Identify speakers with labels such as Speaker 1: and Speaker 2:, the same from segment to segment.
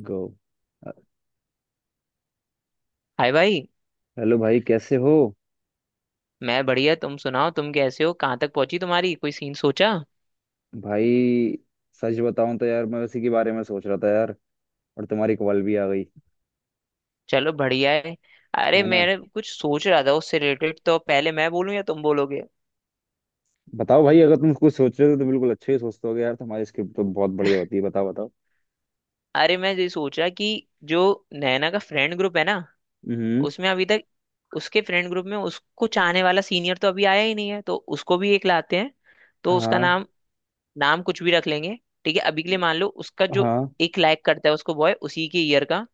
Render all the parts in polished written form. Speaker 1: गो अ-
Speaker 2: हाय भाई।
Speaker 1: हेलो भाई, कैसे हो?
Speaker 2: मैं बढ़िया, तुम सुनाओ, तुम कैसे हो? कहाँ तक पहुंची, तुम्हारी कोई सीन सोचा?
Speaker 1: भाई, सच बताऊं तो यार, मैं उसी के बारे में सोच रहा था यार। और तुम्हारी कॉल भी आ गई।
Speaker 2: चलो बढ़िया है। अरे
Speaker 1: है ना।
Speaker 2: मैंने कुछ सोच रहा था उससे रिलेटेड, तो पहले मैं बोलूं या तुम बोलोगे?
Speaker 1: बताओ भाई, अगर तुम कुछ सोच रहे हो तो बिल्कुल अच्छे ही सोचते होगे यार, तुम्हारी स्क्रिप्ट तो बहुत बढ़िया होती है। बताओ बताओ।
Speaker 2: अरे मैं ये सोच रहा कि जो नैना का फ्रेंड ग्रुप है ना,
Speaker 1: हम्म।
Speaker 2: उसमें अभी तक उसके फ्रेंड ग्रुप में उसको चाहने वाला सीनियर तो अभी आया ही नहीं है, तो उसको भी एक लाते हैं। तो उसका
Speaker 1: हाँ।
Speaker 2: नाम नाम कुछ भी रख लेंगे। ठीक है, अभी के लिए मान लो उसका जो
Speaker 1: हाँ,
Speaker 2: एक लाइक करता है उसको बॉय, उसी के ईयर का।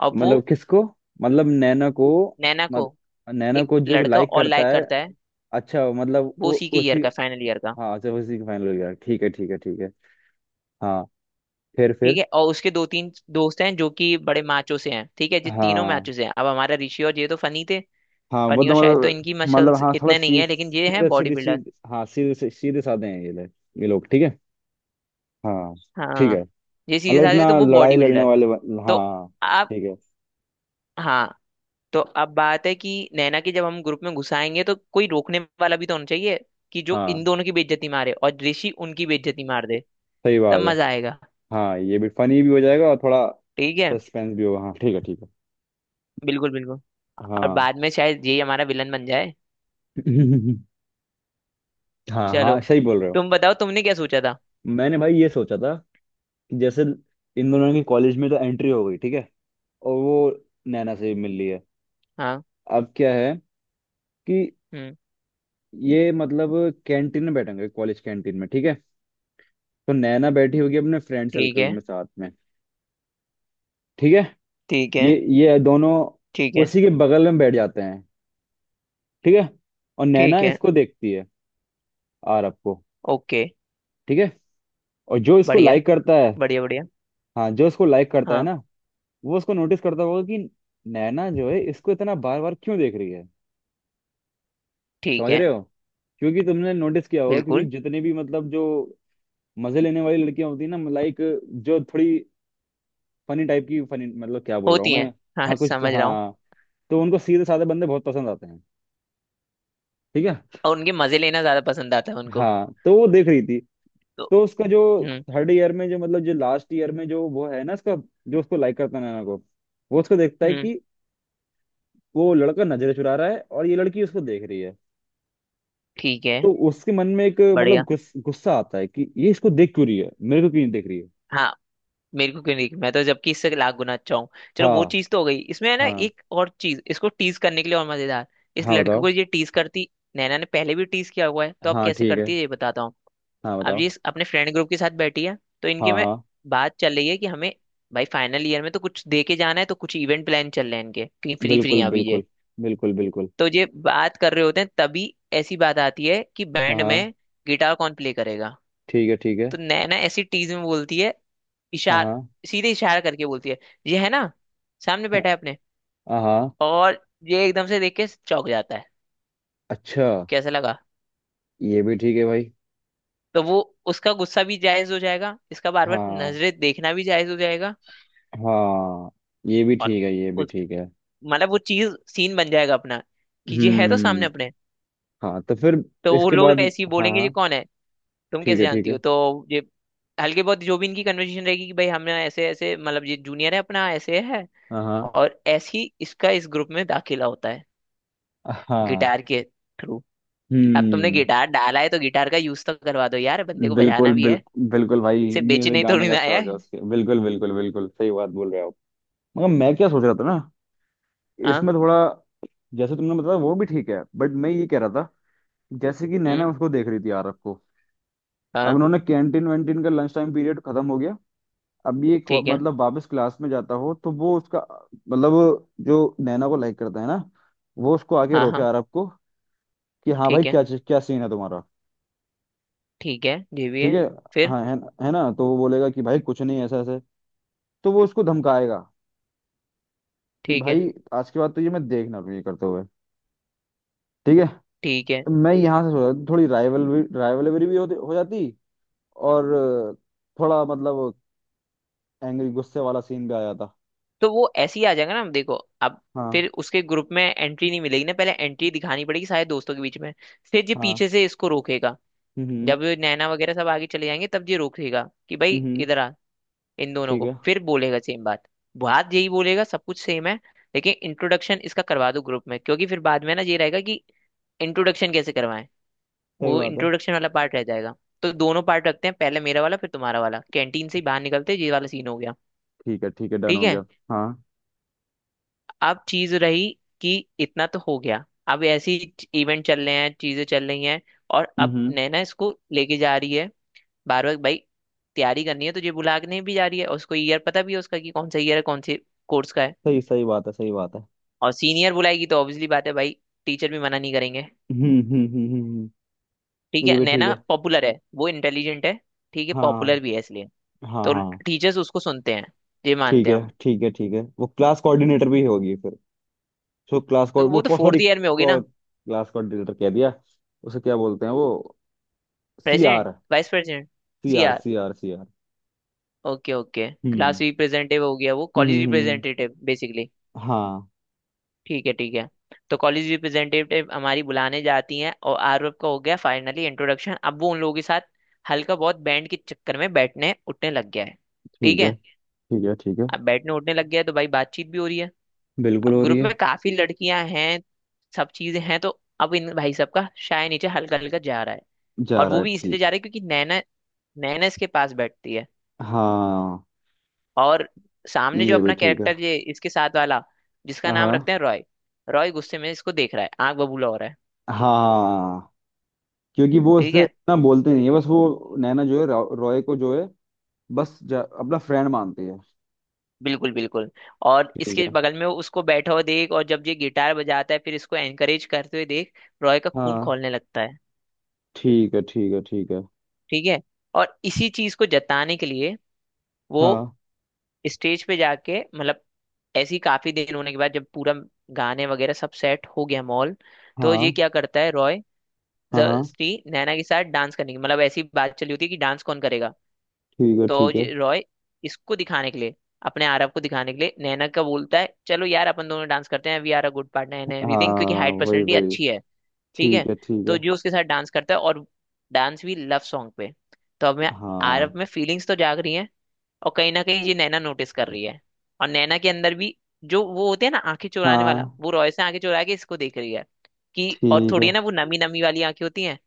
Speaker 2: और वो
Speaker 1: मतलब किसको? मतलब नैना को?
Speaker 2: नैना को
Speaker 1: मत नैना
Speaker 2: एक
Speaker 1: को जो
Speaker 2: लड़का
Speaker 1: लाइक
Speaker 2: और
Speaker 1: करता
Speaker 2: लाइक
Speaker 1: है?
Speaker 2: करता है।
Speaker 1: अच्छा, मतलब
Speaker 2: वो
Speaker 1: वो।
Speaker 2: उसी के ईयर
Speaker 1: उसी
Speaker 2: का, फाइनल ईयर का।
Speaker 1: हाँ, अच्छा, उसी का फाइनल हो गया। ठीक है ठीक है ठीक है। हाँ। फिर
Speaker 2: ठीक
Speaker 1: फिर।
Speaker 2: है, और उसके दो तीन दोस्त हैं जो कि बड़े मैचों से हैं। ठीक है, ये तीनों
Speaker 1: हाँ
Speaker 2: मैचों से हैं। अब हमारा ऋषि और ये तो फनी थे,
Speaker 1: हाँ, वो
Speaker 2: फनी। और
Speaker 1: तो
Speaker 2: शायद तो
Speaker 1: मतलब।
Speaker 2: इनकी
Speaker 1: मतलब
Speaker 2: मसल्स
Speaker 1: हाँ, थोड़ा
Speaker 2: इतने नहीं
Speaker 1: सी,
Speaker 2: है, लेकिन ये हैं
Speaker 1: सीधे
Speaker 2: बॉडी
Speaker 1: सीधे
Speaker 2: बिल्डर।
Speaker 1: सीधे हाँ, सीधे साधे हैं ये लोग। ये लोग ठीक है। हाँ। ठीक है।
Speaker 2: हाँ, ये सीधे
Speaker 1: मतलब
Speaker 2: साधे तो
Speaker 1: इतना
Speaker 2: वो
Speaker 1: लड़ाई
Speaker 2: बॉडी
Speaker 1: लड़ने
Speaker 2: बिल्डर।
Speaker 1: वाले बन-
Speaker 2: तो
Speaker 1: हाँ।
Speaker 2: आप।
Speaker 1: ठीक है।
Speaker 2: हाँ, तो अब बात है कि नैना के जब हम ग्रुप में घुसाएंगे तो कोई रोकने वाला भी तो होना चाहिए कि जो इन
Speaker 1: हाँ,
Speaker 2: दोनों की बेइज्जती मारे और ऋषि उनकी बेइज्जती मार दे,
Speaker 1: सही
Speaker 2: तब
Speaker 1: बात है।
Speaker 2: मजा आएगा।
Speaker 1: हाँ, ये भी फनी भी हो जाएगा और थोड़ा
Speaker 2: ठीक है।
Speaker 1: सस्पेंस भी होगा। हाँ ठीक है ठीक है।
Speaker 2: बिल्कुल बिल्कुल। और
Speaker 1: हाँ।
Speaker 2: बाद में शायद ये हमारा विलन बन जाए।
Speaker 1: हाँ
Speaker 2: चलो,
Speaker 1: हाँ, सही बोल रहे हो।
Speaker 2: तुम बताओ तुमने क्या सोचा था।
Speaker 1: मैंने भाई ये सोचा था कि जैसे इन दोनों की कॉलेज में तो एंट्री हो गई, ठीक है, और वो नैना से भी मिल रही है।
Speaker 2: हाँ।
Speaker 1: अब क्या है कि
Speaker 2: हम्म।
Speaker 1: ये मतलब कैंटीन में बैठेंगे, कॉलेज कैंटीन में, ठीक है। तो नैना बैठी होगी अपने फ्रेंड
Speaker 2: ठीक
Speaker 1: सर्कल
Speaker 2: है,
Speaker 1: में साथ में। ठीक है।
Speaker 2: ठीक
Speaker 1: ये
Speaker 2: है,
Speaker 1: ये दोनों
Speaker 2: ठीक है।
Speaker 1: उसी के बगल में बैठ जाते हैं। ठीक है। और नैना
Speaker 2: ठीक है।
Speaker 1: इसको देखती है, आरव को।
Speaker 2: ओके।
Speaker 1: ठीक है। और जो इसको
Speaker 2: बढ़िया।
Speaker 1: लाइक करता है।
Speaker 2: बढ़िया बढ़िया।
Speaker 1: हाँ, जो इसको लाइक करता है
Speaker 2: हाँ।
Speaker 1: ना, वो उसको नोटिस करता होगा कि नैना जो है इसको इतना बार बार क्यों देख रही है।
Speaker 2: ठीक
Speaker 1: समझ
Speaker 2: है।
Speaker 1: रहे हो? क्योंकि तुमने नोटिस किया होगा, क्योंकि
Speaker 2: बिल्कुल।
Speaker 1: जितने भी मतलब जो मजे लेने वाली लड़कियां होती है ना, लाइक, जो थोड़ी फनी टाइप की, फनी मतलब क्या बोल रहा हूँ
Speaker 2: होती
Speaker 1: मैं।
Speaker 2: हैं। हाँ,
Speaker 1: हाँ कुछ
Speaker 2: समझ रहा हूँ।
Speaker 1: हाँ। तो उनको सीधे साधे बंदे बहुत पसंद आते हैं। ठीक है।
Speaker 2: और उनके मजे लेना ज्यादा पसंद आता है उनको।
Speaker 1: हाँ, तो वो देख रही थी।
Speaker 2: तो।
Speaker 1: तो उसका जो
Speaker 2: हम्म।
Speaker 1: थर्ड ईयर में जो मतलब जो लास्ट ईयर में जो वो है ना इसका, जो उसको लाइक करता है नैना को, वो उसको देखता है
Speaker 2: हम्म।
Speaker 1: कि वो लड़का नजरें चुरा रहा है और ये लड़की उसको देख रही है।
Speaker 2: ठीक है।
Speaker 1: तो उसके मन में एक मतलब
Speaker 2: बढ़िया।
Speaker 1: गुस्सा आता है कि ये इसको देख क्यों रही है, मेरे को क्यों नहीं देख रही है।
Speaker 2: हाँ, मेरे को क्यों नहीं, मैं तो जबकि इससे लाख गुना अच्छा हूँ। चलो, वो
Speaker 1: हाँ।
Speaker 2: चीज तो हो गई, इसमें है ना
Speaker 1: हाँ।
Speaker 2: एक और चीज इसको टीज करने के लिए और मजेदार। इस
Speaker 1: हाँ
Speaker 2: लड़के
Speaker 1: बताओ।
Speaker 2: को ये टीज करती। नैना ने पहले भी टीज किया हुआ है तो अब
Speaker 1: हाँ
Speaker 2: कैसे
Speaker 1: ठीक है।
Speaker 2: करती है ये बताता हूँ।
Speaker 1: हाँ
Speaker 2: अब
Speaker 1: बताओ।
Speaker 2: ये अपने फ्रेंड ग्रुप के साथ बैठी है। तो इनके
Speaker 1: हाँ।
Speaker 2: में
Speaker 1: हाँ।
Speaker 2: बात चल रही है कि हमें भाई फाइनल ईयर में तो कुछ दे के जाना है, तो कुछ इवेंट प्लान चल रहे हैं इनके, क्योंकि फ्री फ्री
Speaker 1: बिल्कुल
Speaker 2: हैं अभी ये।
Speaker 1: बिल्कुल। बिल्कुल बिल्कुल।
Speaker 2: तो ये बात कर रहे होते हैं तभी ऐसी बात आती है कि
Speaker 1: हाँ।
Speaker 2: बैंड
Speaker 1: हाँ
Speaker 2: में गिटार कौन प्ले करेगा।
Speaker 1: ठीक है ठीक है।
Speaker 2: तो नैना ऐसी टीज में बोलती है,
Speaker 1: हाँ
Speaker 2: इशार
Speaker 1: हाँ।
Speaker 2: सीधे इशारा करके बोलती है, ये है ना, सामने
Speaker 1: हाँ।
Speaker 2: बैठा है अपने।
Speaker 1: हाँ। हाँ।
Speaker 2: और ये एकदम से देख के चौंक जाता है।
Speaker 1: अच्छा।
Speaker 2: कैसा लगा?
Speaker 1: ये भी ठीक है भाई।
Speaker 2: तो वो उसका गुस्सा भी जायज हो जाएगा, इसका बार बार
Speaker 1: हाँ।
Speaker 2: नजरें देखना भी जायज हो जाएगा।
Speaker 1: हाँ, ये भी
Speaker 2: और
Speaker 1: ठीक है ये भी ठीक है।
Speaker 2: मतलब वो चीज सीन बन जाएगा अपना कि ये है तो
Speaker 1: हम्म।
Speaker 2: सामने अपने।
Speaker 1: हाँ, तो फिर।
Speaker 2: तो वो
Speaker 1: इसके
Speaker 2: लोग
Speaker 1: बाद।
Speaker 2: ऐसे ही
Speaker 1: हाँ
Speaker 2: बोलेंगे ये
Speaker 1: हाँ।
Speaker 2: कौन है, तुम
Speaker 1: ठीक
Speaker 2: कैसे
Speaker 1: है ठीक
Speaker 2: जानती
Speaker 1: है।
Speaker 2: हो। तो ये हल्के बहुत जो भी इनकी कन्वर्सेशन रहेगी कि भाई हमने ऐसे ऐसे मतलब ये जूनियर है अपना, ऐसे है।
Speaker 1: हाँ। हाँ।
Speaker 2: और ऐसे ही इसका इस ग्रुप में दाखिला होता है
Speaker 1: हाँ।
Speaker 2: गिटार के थ्रू। अब तुमने
Speaker 1: हम्म।
Speaker 2: गिटार डाला है तो गिटार का यूज तो करवा दो यार, बंदे को बजाना
Speaker 1: बिल्कुल
Speaker 2: भी है,
Speaker 1: बिल्कुल बिल्कुल भाई,
Speaker 2: सिर्फ
Speaker 1: मुझे
Speaker 2: बेचने ही
Speaker 1: गाने
Speaker 2: थोड़ी
Speaker 1: का
Speaker 2: ना आया
Speaker 1: शौक है
Speaker 2: है।
Speaker 1: उसके। बिल्कुल बिल्कुल बिल्कुल, सही बात बोल रहे हो आप। मगर मैं क्या सोच रहा था ना।
Speaker 2: हाँ।
Speaker 1: इसमें थोड़ा, जैसे तुमने बताया वो भी ठीक है, बट मैं ये कह रहा था, जैसे कि नैना
Speaker 2: हम्म।
Speaker 1: उसको देख रही थी, आरव को। अब
Speaker 2: हाँ।
Speaker 1: उन्होंने कैंटीन वैंटीन का लंच टाइम पीरियड खत्म हो गया। अब
Speaker 2: ठीक है।
Speaker 1: मतलब वापस क्लास में जाता हो तो वो उसका, मतलब जो नैना को लाइक करता है ना, वो उसको आके
Speaker 2: हाँ
Speaker 1: रोके
Speaker 2: हाँ।
Speaker 1: आरव को कि हाँ भाई,
Speaker 2: ठीक है,
Speaker 1: क्या सीन है तुम्हारा।
Speaker 2: ठीक है, ये भी
Speaker 1: ठीक
Speaker 2: है।
Speaker 1: है।
Speaker 2: फिर।
Speaker 1: हाँ है। है ना, तो वो बोलेगा कि भाई कुछ नहीं, ऐसा ऐसे। तो वो उसको धमकाएगा कि
Speaker 2: ठीक है,
Speaker 1: भाई आज के बाद तो ये मैं देख ना लूं ये करते हुए। ठीक है।
Speaker 2: ठीक है।
Speaker 1: मैं यहाँ से सोचा था, थोड़ी राइवलरी भी हो जाती। और थोड़ा मतलब एंग्री गुस्से वाला सीन भी आ जाता।
Speaker 2: तो वो ऐसे ही आ जाएगा ना, देखो। अब
Speaker 1: हाँ
Speaker 2: फिर उसके ग्रुप में एंट्री नहीं मिलेगी ना, पहले एंट्री दिखानी पड़ेगी सारे दोस्तों के बीच में। फिर ये
Speaker 1: हाँ।
Speaker 2: पीछे से इसको रोकेगा,
Speaker 1: हम्म
Speaker 2: जब ये नैना वगैरह सब आगे चले जाएंगे तब ये रोकेगा कि भाई
Speaker 1: हम्म।
Speaker 2: इधर आ। इन दोनों
Speaker 1: ठीक
Speaker 2: को
Speaker 1: है।
Speaker 2: फिर बोलेगा सेम बात, बात यही बोलेगा, सब कुछ सेम है। लेकिन इंट्रोडक्शन इसका करवा दो ग्रुप में, क्योंकि फिर बाद में ना ये रहेगा कि इंट्रोडक्शन कैसे करवाएं,
Speaker 1: सही
Speaker 2: वो
Speaker 1: बात है।
Speaker 2: इंट्रोडक्शन वाला पार्ट रह जाएगा। तो दोनों पार्ट रखते हैं, पहले मेरा वाला फिर तुम्हारा वाला, कैंटीन से ही बाहर निकलते ही ये वाला सीन हो गया।
Speaker 1: ठीक है ठीक है, डन
Speaker 2: ठीक
Speaker 1: हो
Speaker 2: है।
Speaker 1: गया। हाँ।
Speaker 2: अब चीज रही कि इतना तो हो गया, अब ऐसी इवेंट चल रहे हैं, चीजें चल रही हैं। और अब
Speaker 1: हम्म।
Speaker 2: नैना इसको लेके जा रही है बार बार, भाई तैयारी करनी है, तो ये बुला के नहीं भी जा रही है, और उसको ईयर पता भी है उसका कि कौन सा ईयर है, कौन से कोर्स का है।
Speaker 1: सही सही बात है, सही बात है।
Speaker 2: और सीनियर बुलाएगी तो ऑब्वियसली बात है भाई, टीचर भी मना नहीं करेंगे।
Speaker 1: हम्म।
Speaker 2: ठीक
Speaker 1: ये
Speaker 2: है,
Speaker 1: भी ठीक
Speaker 2: नैना
Speaker 1: है।
Speaker 2: पॉपुलर है, वो इंटेलिजेंट है। ठीक है, पॉपुलर
Speaker 1: हाँ
Speaker 2: भी है इसलिए
Speaker 1: हाँ।
Speaker 2: तो
Speaker 1: हाँ।
Speaker 2: टीचर्स उसको सुनते हैं, ये
Speaker 1: ठीक
Speaker 2: मानते हैं
Speaker 1: है
Speaker 2: हम।
Speaker 1: ठीक है ठीक है, वो क्लास कोऑर्डिनेटर भी होगी फिर। सो क्लास
Speaker 2: तो
Speaker 1: को
Speaker 2: वो तो
Speaker 1: वो सॉरी,
Speaker 2: फोर्थ ईयर में होगी ना।
Speaker 1: क्लास कोऑर्डिनेटर कह दिया, उसे क्या बोलते हैं वो। C
Speaker 2: president,
Speaker 1: R.
Speaker 2: Vice
Speaker 1: C R
Speaker 2: president.
Speaker 1: C R C R.
Speaker 2: Okay okay,
Speaker 1: hmm.
Speaker 2: Class representative हो गया, वो कॉलेज
Speaker 1: हम्म।
Speaker 2: Representative basically.
Speaker 1: हाँ।
Speaker 2: ठीक है, ठीक है। तो कॉलेज रिप्रेजेंटेटिव हमारी बुलाने जाती हैं, और आरव का हो गया फाइनली इंट्रोडक्शन। अब वो उन लोगों के साथ हल्का बहुत बैंड के चक्कर में बैठने उठने लग गया है। ठीक
Speaker 1: ठीक है
Speaker 2: है।
Speaker 1: ठीक है। ठीक है।
Speaker 2: अब बैठने उठने लग गया है तो भाई बातचीत भी हो रही है।
Speaker 1: बिल्कुल
Speaker 2: अब
Speaker 1: हो रही
Speaker 2: ग्रुप में
Speaker 1: है।
Speaker 2: काफी लड़कियां हैं, सब चीजें हैं, तो अब इन भाई सब का शाय नीचे हल्का हल्का जा रहा है।
Speaker 1: जा
Speaker 2: और
Speaker 1: रहा
Speaker 2: वो
Speaker 1: है,
Speaker 2: भी इसलिए
Speaker 1: ठीक।
Speaker 2: जा रहा है क्योंकि नैना नैना इसके पास बैठती है।
Speaker 1: हाँ,
Speaker 2: और सामने जो
Speaker 1: ये भी
Speaker 2: अपना
Speaker 1: ठीक है।
Speaker 2: कैरेक्टर ये इसके साथ वाला, जिसका नाम
Speaker 1: हाँ
Speaker 2: रखते हैं रॉय। रॉय गुस्से में इसको देख रहा है, आंख बबूला हो रहा है।
Speaker 1: हाँ, क्योंकि वो
Speaker 2: ठीक
Speaker 1: उससे
Speaker 2: है।
Speaker 1: इतना बोलते नहीं है, बस वो नैना जो है रॉय को जो है अपना फ्रेंड मानती है।
Speaker 2: बिल्कुल बिल्कुल। और
Speaker 1: ठीक
Speaker 2: इसके
Speaker 1: है।
Speaker 2: बगल में वो उसको बैठा हुआ देख, और जब ये गिटार बजाता है फिर इसको एनकरेज करते हुए देख, रॉय का खून
Speaker 1: हाँ।
Speaker 2: खौलने लगता है।
Speaker 1: ठीक है ठीक है ठीक है।
Speaker 2: ठीक है। और इसी चीज को जताने के लिए वो
Speaker 1: हाँ
Speaker 2: स्टेज पे जाके, मतलब ऐसी काफी देर होने के बाद, जब पूरा गाने वगैरह सब सेट हो गया मॉल, तो ये
Speaker 1: हाँ।
Speaker 2: क्या करता है रॉय,
Speaker 1: हाँ। हाँ।
Speaker 2: जबरदस्ती नैना के साथ डांस करने की, मतलब ऐसी बात चली होती है कि डांस कौन करेगा।
Speaker 1: ठीक है
Speaker 2: तो
Speaker 1: ठीक है।
Speaker 2: ये रॉय इसको दिखाने के लिए, अपने आरव को दिखाने के लिए, नैना का बोलता है चलो यार अपन दोनों डांस करते हैं, we are a good partner and everything, क्योंकि
Speaker 1: हाँ
Speaker 2: हाइट
Speaker 1: वही
Speaker 2: पर्सनैलिटी
Speaker 1: वही।
Speaker 2: अच्छी है। ठीक
Speaker 1: ठीक
Speaker 2: है।
Speaker 1: है ठीक
Speaker 2: तो
Speaker 1: है।
Speaker 2: जो उसके साथ डांस करता है, और डांस भी लव सॉन्ग पे। तो अब मैं आरव
Speaker 1: हाँ
Speaker 2: में फीलिंग्स तो जाग रही हैं, और कहीं ना कहीं ये नैना नोटिस कर रही है। और नैना के अंदर भी, जो वो होते हैं ना आंखें चुराने वाला,
Speaker 1: हाँ।
Speaker 2: वो रॉय से आंखें चुरा के इसको देख रही है कि, और
Speaker 1: ठीक
Speaker 2: थोड़ी
Speaker 1: है।
Speaker 2: है ना वो नमी नमी वाली आंखें होती हैं।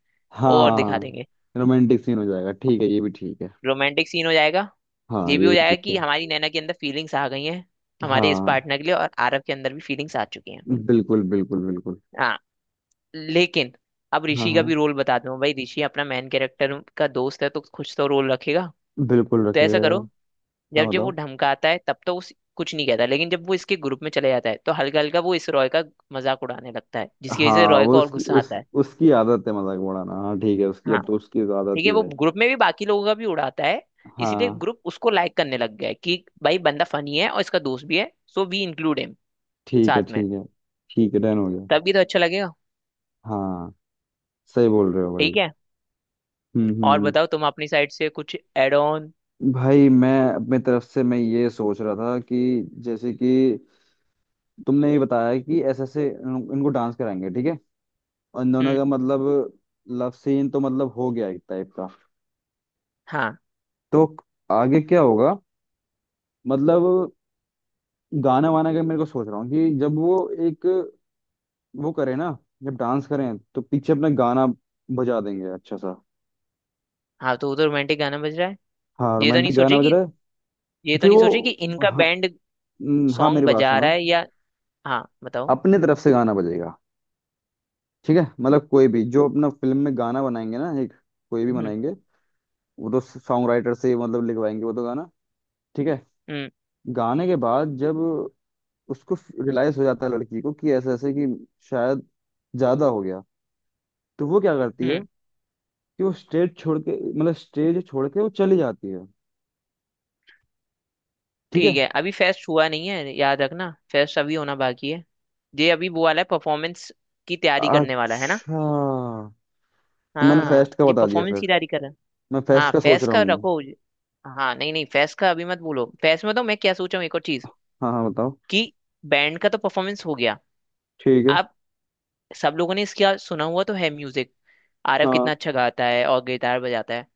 Speaker 2: और दिखा
Speaker 1: हाँ,
Speaker 2: देंगे
Speaker 1: रोमांटिक सीन हो जाएगा ठीक है, ये भी ठीक है।
Speaker 2: रोमांटिक सीन हो जाएगा।
Speaker 1: हाँ,
Speaker 2: ये भी
Speaker 1: ये
Speaker 2: हो
Speaker 1: भी ठीक
Speaker 2: जाएगा कि
Speaker 1: है।
Speaker 2: हमारी नैना के अंदर फीलिंग्स आ गई हैं हमारे इस
Speaker 1: हाँ,
Speaker 2: पार्टनर के लिए, और आरव के अंदर भी फीलिंग्स आ चुकी हैं।
Speaker 1: बिल्कुल बिल्कुल बिल्कुल।
Speaker 2: हाँ। लेकिन अब
Speaker 1: हाँ
Speaker 2: ऋषि का भी
Speaker 1: हाँ,
Speaker 2: रोल बता दूं भाई, ऋषि अपना मेन कैरेक्टर का दोस्त है तो कुछ तो रोल रखेगा।
Speaker 1: बिल्कुल
Speaker 2: तो
Speaker 1: रखेगा
Speaker 2: ऐसा करो,
Speaker 1: यार। हाँ
Speaker 2: जब जब वो
Speaker 1: बताओ।
Speaker 2: धमकाता है तब तो उस कुछ नहीं कहता, लेकिन जब वो इसके ग्रुप में चले जाता है तो हल्का हल्का वो इस रॉय का मजाक उड़ाने लगता है, जिसकी वजह से
Speaker 1: हाँ,
Speaker 2: रॉय
Speaker 1: वो
Speaker 2: को और
Speaker 1: उसकी,
Speaker 2: गुस्सा
Speaker 1: उस
Speaker 2: आता है।
Speaker 1: उसकी आदत है मजाक उड़ाना, हाँ ठीक है, उसकी
Speaker 2: हाँ,
Speaker 1: अब तो उसकी तो आदत
Speaker 2: ठीक है,
Speaker 1: ही
Speaker 2: वो
Speaker 1: है।
Speaker 2: ग्रुप में भी बाकी लोगों का भी उड़ाता है। इसीलिए
Speaker 1: हाँ।
Speaker 2: ग्रुप उसको लाइक करने लग गया है कि भाई बंदा फनी है, और इसका दोस्त भी है, सो वी इंक्लूड हिम
Speaker 1: ठीक है
Speaker 2: साथ में।
Speaker 1: ठीक है ठीक है, डन हो गया।
Speaker 2: तब भी तो अच्छा लगेगा।
Speaker 1: हाँ। सही बोल रहे हो भाई।
Speaker 2: ठीक है। और
Speaker 1: हम्म।
Speaker 2: बताओ, तुम अपनी साइड से कुछ एड ऑन?
Speaker 1: भाई, मैं अपने तरफ से मैं ये सोच रहा था कि जैसे कि तुमने ये बताया कि ऐसे ऐसे इनको डांस कराएंगे, ठीक है, और इन दोनों
Speaker 2: हम्म।
Speaker 1: का मतलब लव सीन तो मतलब हो गया एक टाइप का।
Speaker 2: हाँ
Speaker 1: तो आगे क्या होगा, मतलब गाना वाना का मेरे को सोच रहा हूँ कि जब वो एक वो करें ना, जब डांस करें तो पीछे अपना गाना बजा देंगे अच्छा सा।
Speaker 2: हाँ, तो उधर रोमांटिक गाना बज रहा है।
Speaker 1: हाँ,
Speaker 2: ये तो नहीं
Speaker 1: रोमांटिक गाना
Speaker 2: सोचे
Speaker 1: बज रहा
Speaker 2: कि
Speaker 1: है।
Speaker 2: ये
Speaker 1: तो
Speaker 2: तो
Speaker 1: फिर
Speaker 2: नहीं सोचे कि
Speaker 1: वो
Speaker 2: इनका
Speaker 1: हाँ,
Speaker 2: बैंड
Speaker 1: हाँ
Speaker 2: सॉन्ग
Speaker 1: मेरी बात
Speaker 2: बजा रहा
Speaker 1: सुनो।
Speaker 2: है या। हाँ बताओ।
Speaker 1: अपने तरफ से गाना बजेगा, ठीक है, मतलब कोई भी जो अपना फिल्म में गाना बनाएंगे ना एक, कोई भी
Speaker 2: हम्म
Speaker 1: बनाएंगे, वो तो सॉन्ग राइटर से मतलब लिखवाएंगे वो तो गाना। ठीक है।
Speaker 2: हम्म
Speaker 1: गाने के बाद जब उसको रियलाइज हो जाता है लड़की को कि ऐसे ऐसे, कि शायद ज्यादा हो गया, तो वो क्या करती है
Speaker 2: हम्म।
Speaker 1: कि वो स्टेज छोड़ के, मतलब स्टेज छोड़ के वो चली जाती है। ठीक है।
Speaker 2: ठीक है, अभी फेस्ट हुआ नहीं है, याद रखना, फेस्ट अभी होना बाकी है। ये अभी वो वाला है, परफॉर्मेंस की तैयारी करने वाला है ना।
Speaker 1: अच्छा। तो मैंने
Speaker 2: हाँ,
Speaker 1: फेस्ट का
Speaker 2: ये
Speaker 1: बता दिया
Speaker 2: परफॉर्मेंस
Speaker 1: फिर,
Speaker 2: की तैयारी कर रहे हैं।
Speaker 1: मैं फेस्ट
Speaker 2: हाँ,
Speaker 1: का सोच
Speaker 2: फैस
Speaker 1: रहा
Speaker 2: का
Speaker 1: हूँ।
Speaker 2: रखो। हाँ, नहीं नहीं, फैस का अभी मत भूलो, फैस में तो मैं क्या सोचा हूँ एक और चीज
Speaker 1: हाँ हाँ बताओ।
Speaker 2: कि बैंड का तो परफॉर्मेंस हो गया।
Speaker 1: ठीक है।
Speaker 2: अब सब लोगों ने इसका सुना हुआ तो है म्यूजिक, आरव कितना
Speaker 1: हाँ
Speaker 2: अच्छा गाता है और गिटार बजाता है।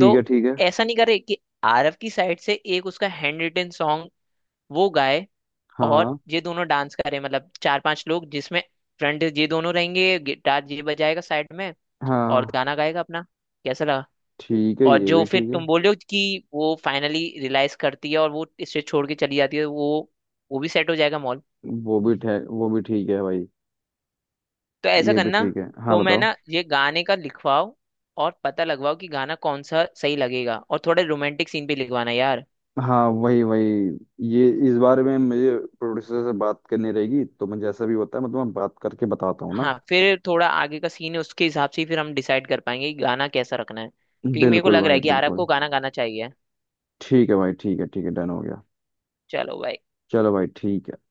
Speaker 2: तो
Speaker 1: है ठीक है।
Speaker 2: ऐसा नहीं करे कि आरव की साइड से एक उसका हैंड रिटन सॉन्ग वो गाए,
Speaker 1: हाँ
Speaker 2: और
Speaker 1: हाँ।
Speaker 2: ये दोनों डांस करें, मतलब चार पांच लोग जिसमें फ्रंट ये दोनों रहेंगे, गिटार ये बजाएगा साइड में, और
Speaker 1: हाँ।
Speaker 2: गाना गाएगा अपना। कैसा?
Speaker 1: ठीक है,
Speaker 2: और
Speaker 1: ये
Speaker 2: जो
Speaker 1: भी
Speaker 2: फिर
Speaker 1: ठीक है।
Speaker 2: तुम बोल रहे हो कि वो फाइनली रियलाइज करती है और वो इसे छोड़ के चली जाती है, वो भी सेट हो जाएगा मॉल।
Speaker 1: वो भी ठीक है भाई।
Speaker 2: तो ऐसा
Speaker 1: ये भी
Speaker 2: करना,
Speaker 1: ठीक है। हाँ
Speaker 2: तो मैं
Speaker 1: बताओ।
Speaker 2: ना ये गाने का लिखवाओ और पता लगवाओ कि गाना कौन सा सही लगेगा, और थोड़े रोमांटिक सीन भी लिखवाना यार।
Speaker 1: हाँ वही वही। ये इस बारे में मुझे प्रोड्यूसर से बात करनी रहेगी, तो मैं जैसा भी होता है मतलब मैं बात करके बताता हूँ ना।
Speaker 2: हाँ, फिर थोड़ा आगे का सीन है, उसके हिसाब से ही फिर हम डिसाइड कर पाएंगे कि गाना कैसा रखना है, क्योंकि मेरे को
Speaker 1: बिल्कुल
Speaker 2: लग रहा
Speaker 1: भाई
Speaker 2: है कि आरव
Speaker 1: बिल्कुल।
Speaker 2: को गाना गाना चाहिए।
Speaker 1: ठीक है भाई, ठीक है ठीक है, डन हो गया।
Speaker 2: चलो भाई।
Speaker 1: चलो भाई ठीक है।